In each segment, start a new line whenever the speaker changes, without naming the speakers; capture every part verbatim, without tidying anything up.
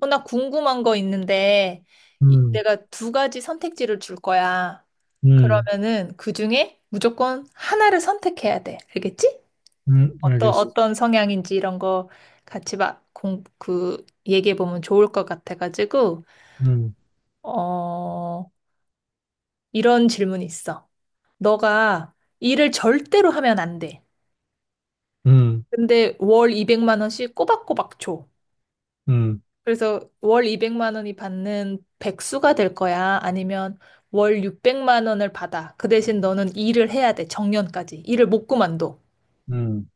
어, 나 궁금한 거 있는데, 이-
음,
내가 두 가지 선택지를 줄 거야.
음,
그러면은 그 중에 무조건 하나를 선택해야 돼. 알겠지?
음,
어떤,
알겠어.
어떤 성향인지 이런 거 같이 막 공, 그, 얘기해 보면 좋을 것 같아가지고,
음,
어, 이런 질문이 있어. 너가 일을 절대로 하면 안 돼.
음,
근데 월 이백만 원씩 꼬박꼬박 줘.
음,
그래서 월 이백만 원이 받는 백수가 될 거야? 아니면 월 육백만 원을 받아. 그 대신 너는 일을 해야 돼. 정년까지. 일을 못 그만둬.
음.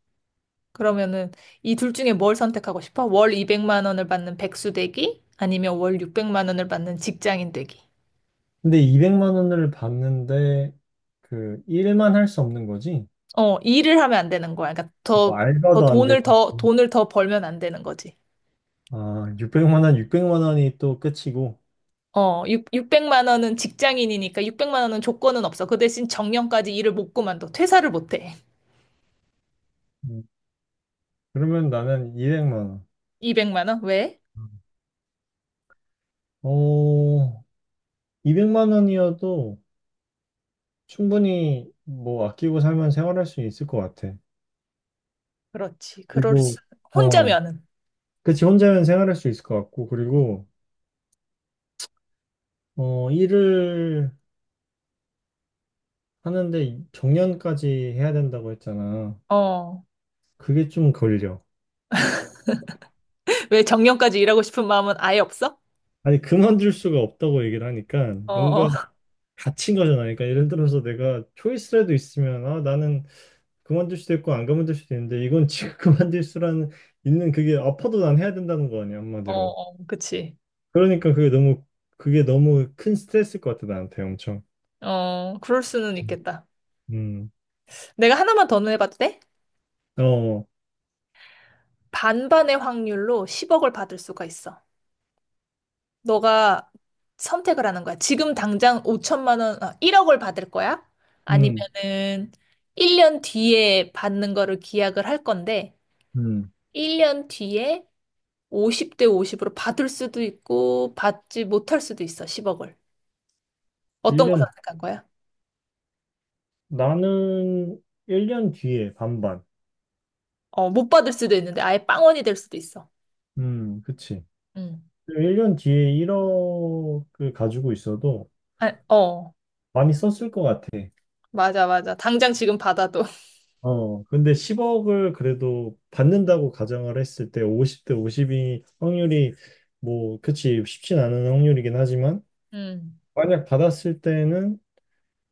그러면은 이 둘 중에 뭘 선택하고 싶어? 월 이백만 원을 받는 백수 되기? 아니면 월 육백만 원을 받는 직장인 되기?
근데 이백만 원을 받는데 그 일만 할 수 없는 거지?
어, 일을 하면 안 되는 거야. 그러니까
뭐
더, 더
알바도 안
돈을
되고.
더, 돈을 더 벌면 안 되는 거지.
아, 육백만 원, 육백만 원이 또 끝이고.
어, 육 육백만 원은 직장인이니까 육백만 원은 조건은 없어. 그 대신 정년까지 일을 못 그만둬. 퇴사를 못 해.
음, 그러면 나는 이백만 원.
이백만 원? 왜?
어, 이백만 원이어도 충분히 뭐 아끼고 살면 생활할 수 있을 것 같아.
그렇지. 그럴
그리고,
수.
어,
혼자면은.
그치, 혼자면 생활할 수 있을 것 같고, 그리고, 어, 일을 하는데 정년까지 해야 된다고 했잖아.
어.
그게 좀 걸려.
왜 정년까지 일하고 싶은 마음은 아예 없어?
아니, 그만둘 수가 없다고 얘기를 하니까
어, 어,
뭔가 갇힌 거잖아. 그러니까 예를 들어서 내가 초이스라도 있으면 아, 나는 그만둘 수도 있고 안 그만둘 수도 있는데 이건 지금 그만둘 수라는 있는 그게 아파도 난 해야 된다는 거 아니야,
어,
한마디로.
어, 그치.
그러니까 그게 너무 그게 너무 큰 스트레스일 것 같아, 나한테 엄청.
어, 그럴 수는 있겠다.
음.
내가 하나만 더 해봐도 돼?
어.
반반의 확률로 십억을 받을 수가 있어. 너가 선택을 하는 거야. 지금 당장 오천만 원, 아, 일억을 받을 거야?
음.
아니면은 일 년 뒤에 받는 거를 기약을 할 건데,
음.
일 년 뒤에 오십 대 오십으로 받을 수도 있고, 받지 못할 수도 있어, 십억을. 어떤 거
일 년
선택한 거야?
나는 일 년 뒤에 반반.
어, 못 받을 수도 있는데 아예 빵원이 될 수도 있어.
음, 그치.
응,
일 년 뒤에 일억을 가지고 있어도
아, 어,
많이 썼을 것 같아.
맞아, 맞아. 당장 지금 받아도.
어, 근데 십억을 그래도 받는다고 가정을 했을 때 오십 대 오십이 확률이 뭐, 그치, 쉽진 않은 확률이긴 하지만,
응,
만약 받았을 때는,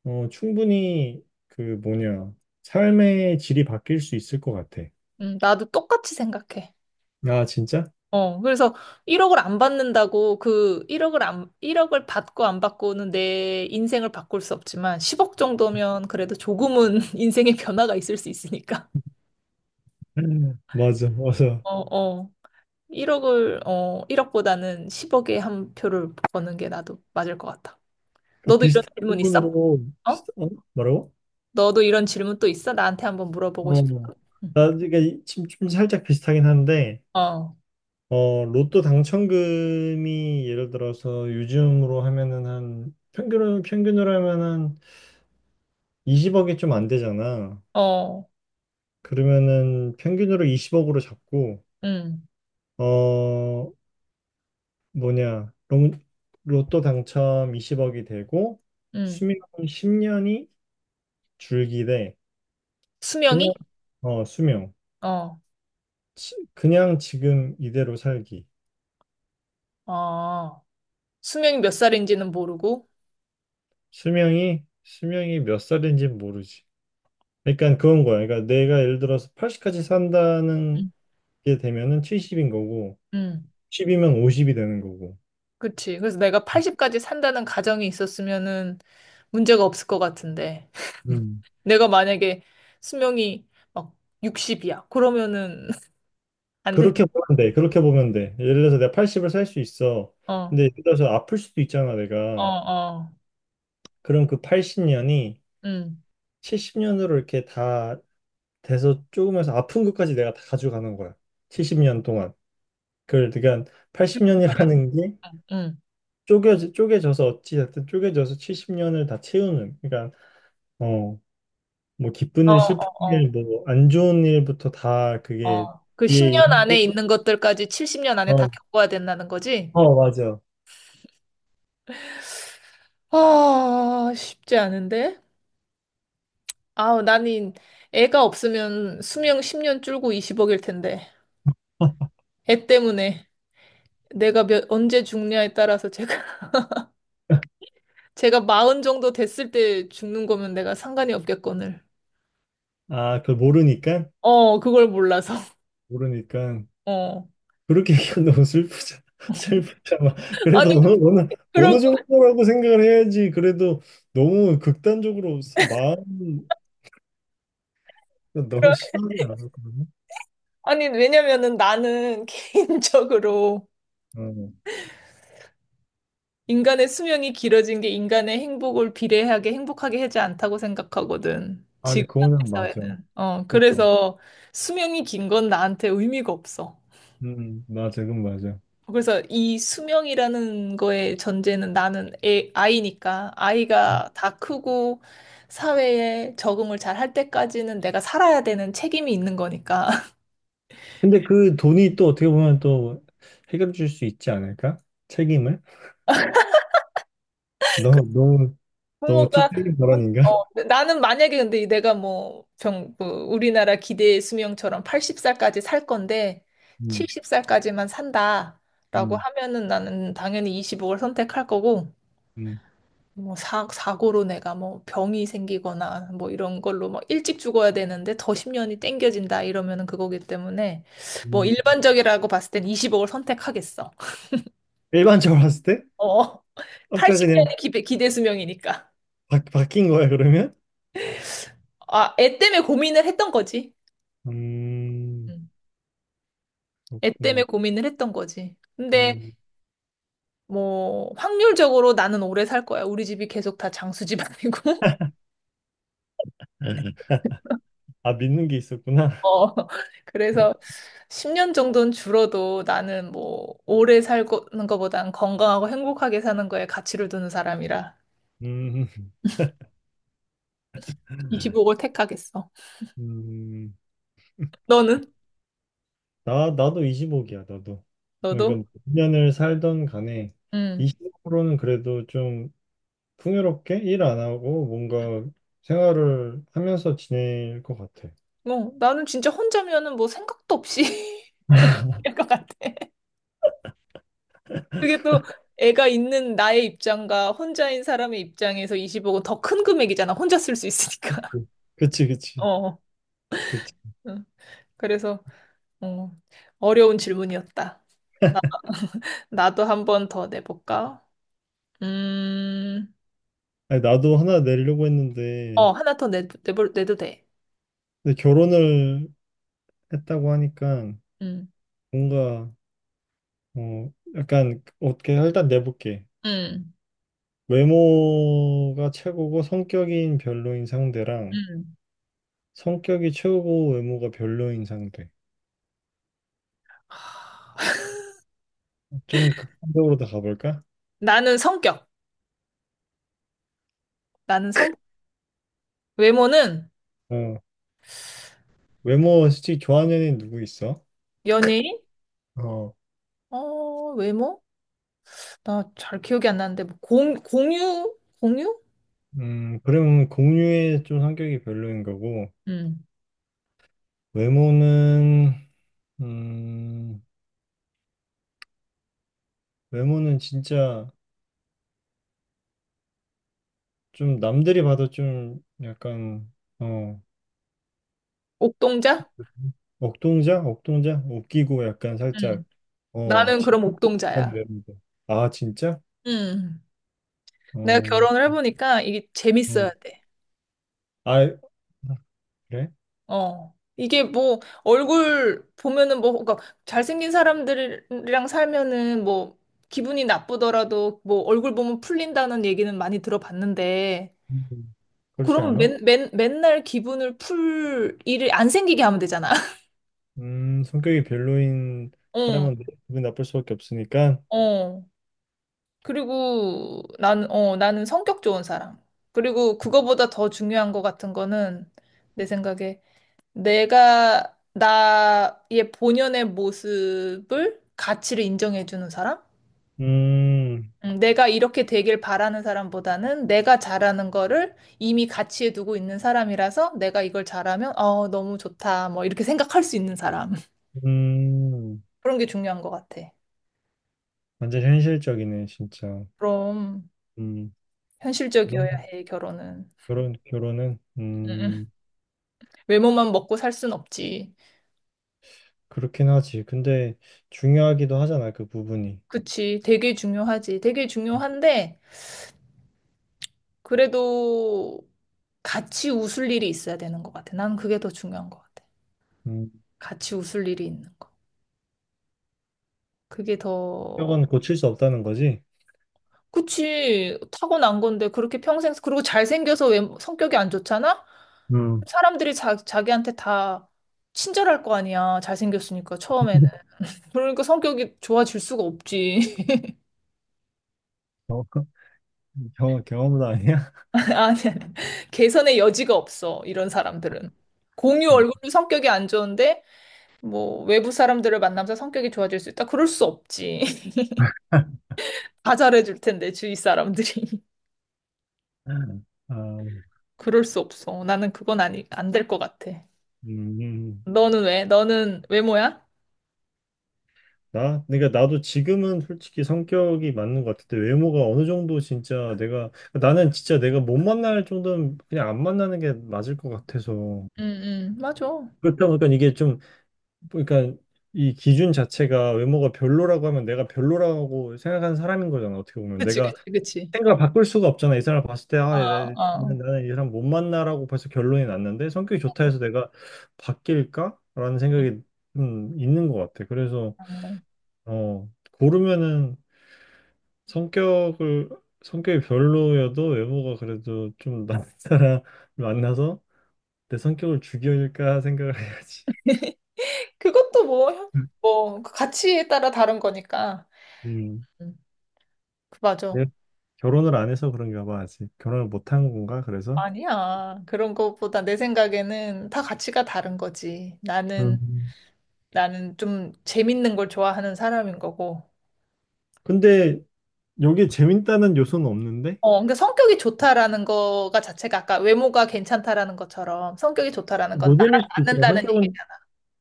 어, 충분히 그 뭐냐, 삶의 질이 바뀔 수 있을 것 같아.
음, 나도 똑같이 생각해.
아, 진짜?
어, 그래서 일억을 안 받는다고 그 일억을 안, 일억을 받고 안 받고는 내 인생을 바꿀 수 없지만 십억 정도면 그래도 조금은 인생의 변화가 있을 수 있으니까.
음. 맞아, 맞아.
어, 어. 일억을, 어, 일억보다는 십억에 한 표를 버는 게 나도 맞을 것 같아.
그
너도 이런
비슷한
질문 있어?
부분으로, 비슷,
어?
어? 뭐라고?
너도 이런 질문 또 있어? 나한테 한번 물어보고
어,
싶어. 응.
나, 그러니까 이- 지금 좀 살짝 비슷하긴 한데,
어,
어, 로또 당첨금이 예를 들어서 요즘으로 하면은 한 평균으로 평균으로 하면 한 이십억이 좀 안 되잖아.
어,
그러면은 평균으로 이십억으로 잡고
응,
어 뭐냐 로- 로또 당첨 이십억이 되고
응.
수명 십 년이 줄기 대
수명이?
그냥 어 수명
어,
지- 그냥 지금 이대로 살기
어. 수명이 몇 살인지는 모르고.
수명이 수명이 몇 살인지 모르지. 그러니까 그건 거야. 그러니까 내가 예를 들어서 팔십까지 산다는
응,
게 되면은 칠십인 거고,
응.
십이면 오십이 되는 거고.
그치. 그래서 내가 팔십까지 산다는 가정이 있었으면은 문제가 없을 것 같은데.
음.
내가 만약에 수명이 막 육십이야. 그러면은 안 돼.
그렇게 보면 돼. 그렇게 보면 돼. 예를 들어서 내가 팔십을 살 수 있어.
어,
근데 예를 들어서 아플 수도 있잖아,
어,
내가.
어.
그럼 그 팔십 년이
응.
칠십 년으로 이렇게 다 돼서 조금해서 아픈 것까지 내가 다 가져가는 거야. 칠십 년 동안. 그걸 그러니까
말이야.
팔십 년이라는 게
응.
쪼개져, 쪼개져서 어찌됐든 쪼개져서 칠십 년을 다 채우는. 그러니까 어, 뭐 기쁜
어,
일, 슬픈
어, 어.
일, 뭐 안 좋은 일부터 다 그게
어, 그
뒤에
십 년
있는 거-
안에 있는 것들까지 칠십 년 안에 다
어,
겪어야 된다는 거지?
어, 맞아.
아, 쉽지 않은데? 아우, 나는 애가 없으면 수명 십 년 줄고 이십억일 텐데. 애 때문에 내가 몇, 언제 죽냐에 따라서 제가, 제가 마흔 정도 됐을 때 죽는 거면 내가 상관이 없겠거늘.
아, 그걸 모르니까?
어, 그걸 몰라서.
모르니까.
어.
그렇게 얘기하면 너무 슬프잖아. 슬프잖아.
아니,
그래도 어느, 어느,
그러고,
어느 정도라고 생각을 해야지. 그래도 너무 극단적으로 쓰- 마음 너무 심하게 나갔거든.
아니, 왜냐면은 나는 개인적으로
어.
인간의 수명이 길어진 게 인간의 행복을 비례하게 행복하게 하지 않다고 생각하거든.
아, 근데
지금 현대
그거는 맞아.
사회는. 어,
그건 맞아.
그래서 수명이 긴 건 나한테 의미가 없어.
음, 맞아. 그건 맞아.
그래서 이 수명이라는 거의 전제는 나는 애, 아이니까 아이가 다 크고 사회에 적응을 잘 할 때까지는 내가 살아야 되는 책임이 있는 거니까.
근데 그 돈이 또 어떻게 보면 또 해결해 줄 수 있지 않을까? 책임을? 너무 너무 너무
부모가
티적인
부-
발언인가?
어, 네, 나는 만약에 근데 내가 뭐 병, 그 우리나라 기대 수명처럼 여든 살까지 살 건데
음,
일흔 살까지만 산다라고
음,
하면은 나는 당연히 이억를 선택할 거고
음.
뭐 사, 사고로 내가 뭐 병이 생기거나 뭐 이런 걸로 막 일찍 죽어야 되는데 더 십 년이 땡겨진다 이러면은 그거기 때문에 뭐
음.
일반적이라고 봤을 땐이억를 선택하겠어.
일반적으로 봤을 때
어.
아까 그냥
팔십 년이 기대 수명이니까.
바, 바뀐 거야 그러면?
아, 애 때문에 고민을 했던 거지.
음
음. 애
그렇구나.
때문에 고민을 했던 거지. 근데
음.
뭐 확률적으로 나는 오래 살 거야. 우리 집이 계속 다 장수 집안이고.
아 믿는 게 있었구나.
어. 그래서 십 년 정도는 줄어도 나는 뭐 오래 살는 거보단 건강하고 행복하게 사는 거에 가치를 두는 사람이라
음,
이십오억을 택하겠어.
음.
너는?
나 나도 이십오기야 나도. 그러니까
너도?
몇 년을 살던 간에
응.
이십오로는 그래도 좀 풍요롭게 일 안 하고 뭔가 생활을 하면서 지낼 것 같아.
뭐 나는 진짜 혼자면은 뭐 생각도 없이 할 것 같아. 그게 또 애가 있는 나의 입장과 혼자인 사람의 입장에서 이십억은 더 큰 금액이잖아. 혼자 쓸 수 있으니까.
그- 그치 그치
어.
그치.
응. 그래서 어, 어려운 질문이었다. 나, 나도 한 번 더 내볼까? 음,
아니, 나도 하나 내려고
어,
했는데,
하나 더 내, 내볼, 내도 돼.
근데 결혼을 했다고 하니까
음,
뭔가, 어, 약간, 어떻게, 일단 내볼게.
음,
외모가 최고고 성격인 별로인 상대랑
음.
성격이 최고고 외모가 별로인 상대. 좀 극단적으로 다 가볼까?
나는 성격. 나는 성, 외모는
어, 외모 솔직히 좋아하는 애는 누구 있어?
연예인?
어,
어, 외모? 나 잘 기억이 안 나는데, 뭐 공, 공유? 공유?
음, 그러면 공유의 좀 성격이 별로인 거고,
음.
외모는, 음, 외모는 진짜, 좀 남들이 봐도 좀 약간 어
옥동자?
억동자 억동자 웃기고 약간 살짝
음.
어
나는 그럼
진짜
옥동자야.
외모도 아 진짜
음. 내가 결혼을
어어아
해보니까 이게 재밌어야 돼.
그래
어. 이게 뭐 얼굴 보면은 뭐 그러니까 잘생긴 사람들이랑 살면은 뭐 기분이 나쁘더라도 뭐 얼굴 보면 풀린다는 얘기는 많이 들어봤는데
음, 그렇지
그럼
않아
맨, 맨, 맨날 기분을 풀 일을 안 생기게 하면 되잖아.
음 성격이 별로인
어,
사람은 뭐 기분 나쁠 수밖에 없으니까
어. 그리고 나는, 어, 나는 성격 좋은 사람. 그리고 그거보다 더 중요한 것 같은 거는 내 생각에 내가 나의 본연의 모습을 가치를 인정해주는 사람?
음
음, 내가 이렇게 되길 바라는 사람보다는 내가 잘하는 거를 이미 가치에 두고 있는 사람이라서 내가 이걸 잘하면 어, 너무 좋다. 뭐 이렇게 생각할 수 있는 사람.
음,
그런 게 중요한 것 같아.
완전 현실적이네 진짜
그럼
음
현실적이어야
결혼
해, 결혼은.
결혼 결혼은
음, 음.
음.
외모만 먹고 살 순 없지.
그렇긴 하지. 근데 중요하기도 하잖아, 그 부분이.
그치. 되게 중요하지. 되게 중요한데 그래도 같이 웃을 일이 있어야 되는 것 같아. 난 그게 더 중요한 것 같아.
음,
같이 웃을 일이 있는 거. 그게 더,
경험은 고칠 수 없다는 거지?
그치. 타고난 건데, 그렇게 평생, 그리고 잘생겨서 왜 성격이 안 좋잖아?
음,
사람들이 자, 자기한테 다 친절할 거 아니야. 잘생겼으니까, 처음에는. 그러니까 성격이 좋아질 수가 없지.
어, 경험, 경험도 아니야?
아니, 아니. 개선의 여지가 없어. 이런 사람들은. 공유
아,
얼굴로 성격이 안 좋은데, 뭐, 외부 사람들을 만나면서 성격이 좋아질 수 있다? 그럴 수 없지. 다 잘해줄 텐데, 주위 사람들이.
아,
그럴 수 없어. 나는 그건 아니, 안 될 것 같아.
음,
너는 왜? 너는 외모야?
나? 그러니까 나도 지금은 솔직히 성격이 맞는 것 같은데 외모가 어느 정도 진짜 내가 나는 진짜 내가 못 만날 정도면 그냥 안 만나는 게 맞을 것 같아서
응, 응, 맞아.
그렇다 보니까 이게 좀 그러니까 이 기준 자체가 외모가 별로라고 하면 내가 별로라고 생각하는 사람인 거잖아 어떻게 보면
그치,
내가
그치, 그치.
생각을 바꿀 수가 없잖아. 이 사람 봤을 때, 아, 나-
어,
나는,
어.
나는 이 사람 못 만나라고 벌써 결론이 났는데, 성격이 좋다 해서 내가 바뀔까? 라는 생각이 음, 있는 것 같아. 그래서,
음.
어, 고르면은 성격을, 성격이 별로여도 외모가 그래도 좀 나은 사람을 만나서 내 성격을 죽일까 생각을 해야지.
그것도 뭐, 형- 뭐, 그 가치에 따라 다른 거니까.
음,
음, 그 맞아.
내가 결혼을 안 해서 그런가 봐, 아직. 결혼을 못 한 건가, 그래서?
아니야. 그런 것보다 내 생각에는 다 가치가 다른 거지. 나는,
음.
나는 좀 재밌는 걸 좋아하는 사람인 거고.
근데 여기 재밌다는 요소는 없는데?
어, 그러니까 성격이 좋다라는 거가 자체가 아까 외모가 괜찮다라는 것처럼 성격이 좋다라는 건 나랑
노잼일 수도 있잖아.
맞는다는
성격은
얘기잖아.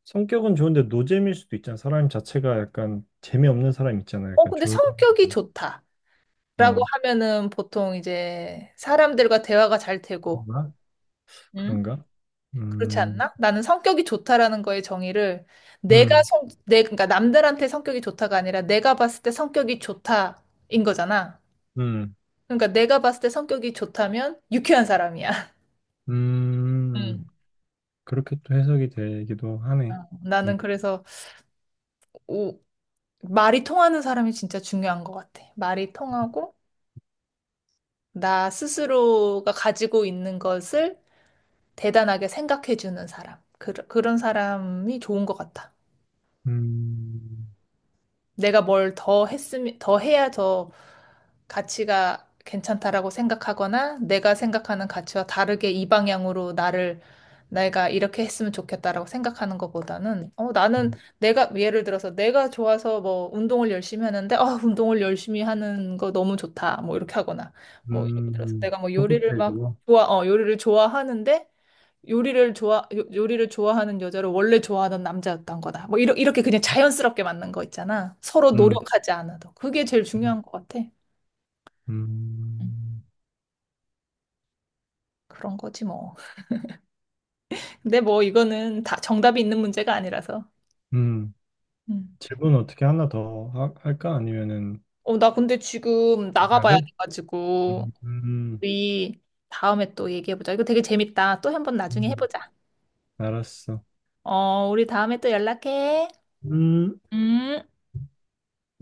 성격은 좋은데 노잼일 수도 있잖아. 사람 자체가 약간 재미없는 사람 있잖아.
어,
약간
근데
조용.
성격이 좋다라고
어
하면은 보통 이제 사람들과 대화가 잘 되고,
그런가?
응?
그런가?
그렇지
음,
않나? 나는 성격이 좋다라는 거의 정의를 내가
음,
성, 내, 그러니까 남들한테 성격이 좋다가 아니라 내가 봤을 때 성격이 좋다인 거잖아.
음,
그러니까 내가 봤을 때 성격이 좋다면 유쾌한 사람이야. 응.
음. 그렇게 또 해석이 되기도 하네.
어, 나는 그래서 오 말이 통하는 사람이 진짜 중요한 것 같아. 말이 통하고, 나 스스로가 가지고 있는 것을 대단하게 생각해주는 사람. 그, 그런 사람이 좋은 것 같아.
음,
내가 뭘 더 했으면, 더 해야 더 가치가 괜찮다라고 생각하거나 내가 생각하는 가치와 다르게 이 방향으로 나를 내가 이렇게 했으면 좋겠다라고 생각하는 것보다는 어 나는 내가 예를 들어서 내가 좋아서 뭐 운동을 열심히 하는데 아 운동을 열심히 하는 거 너무 좋다 뭐 이렇게 하거나 뭐 예를
음,
들어서
음.
내가 뭐 요리를 막
서포트해주고.
좋아 어 요리를 좋아하는데 요리를 좋아, 요- 요리를 좋아하는 여자를 원래 좋아하던 남자였던 거다. 뭐, 이러, 이렇게 그냥 자연스럽게 맞는 거 있잖아. 서로
음,
노력하지 않아도. 그게 제일
음,
중요한 것 같아. 음,
음.
그런 거지, 뭐. 근데 뭐, 이거는 다 정답이 있는 문제가 아니라서.
음.
음.
질문 어떻게 하나 더 하- 할까? 아니면은
어, 나 근데 지금
해야 돼?
나가봐야 돼가지고,
음, 음,
우리 다음에 또 얘기해보자. 이거 되게 재밌다. 또 한번 나중에
음.
해보자.
알았어.
어, 우리 다음에 또 연락해.
음.
음.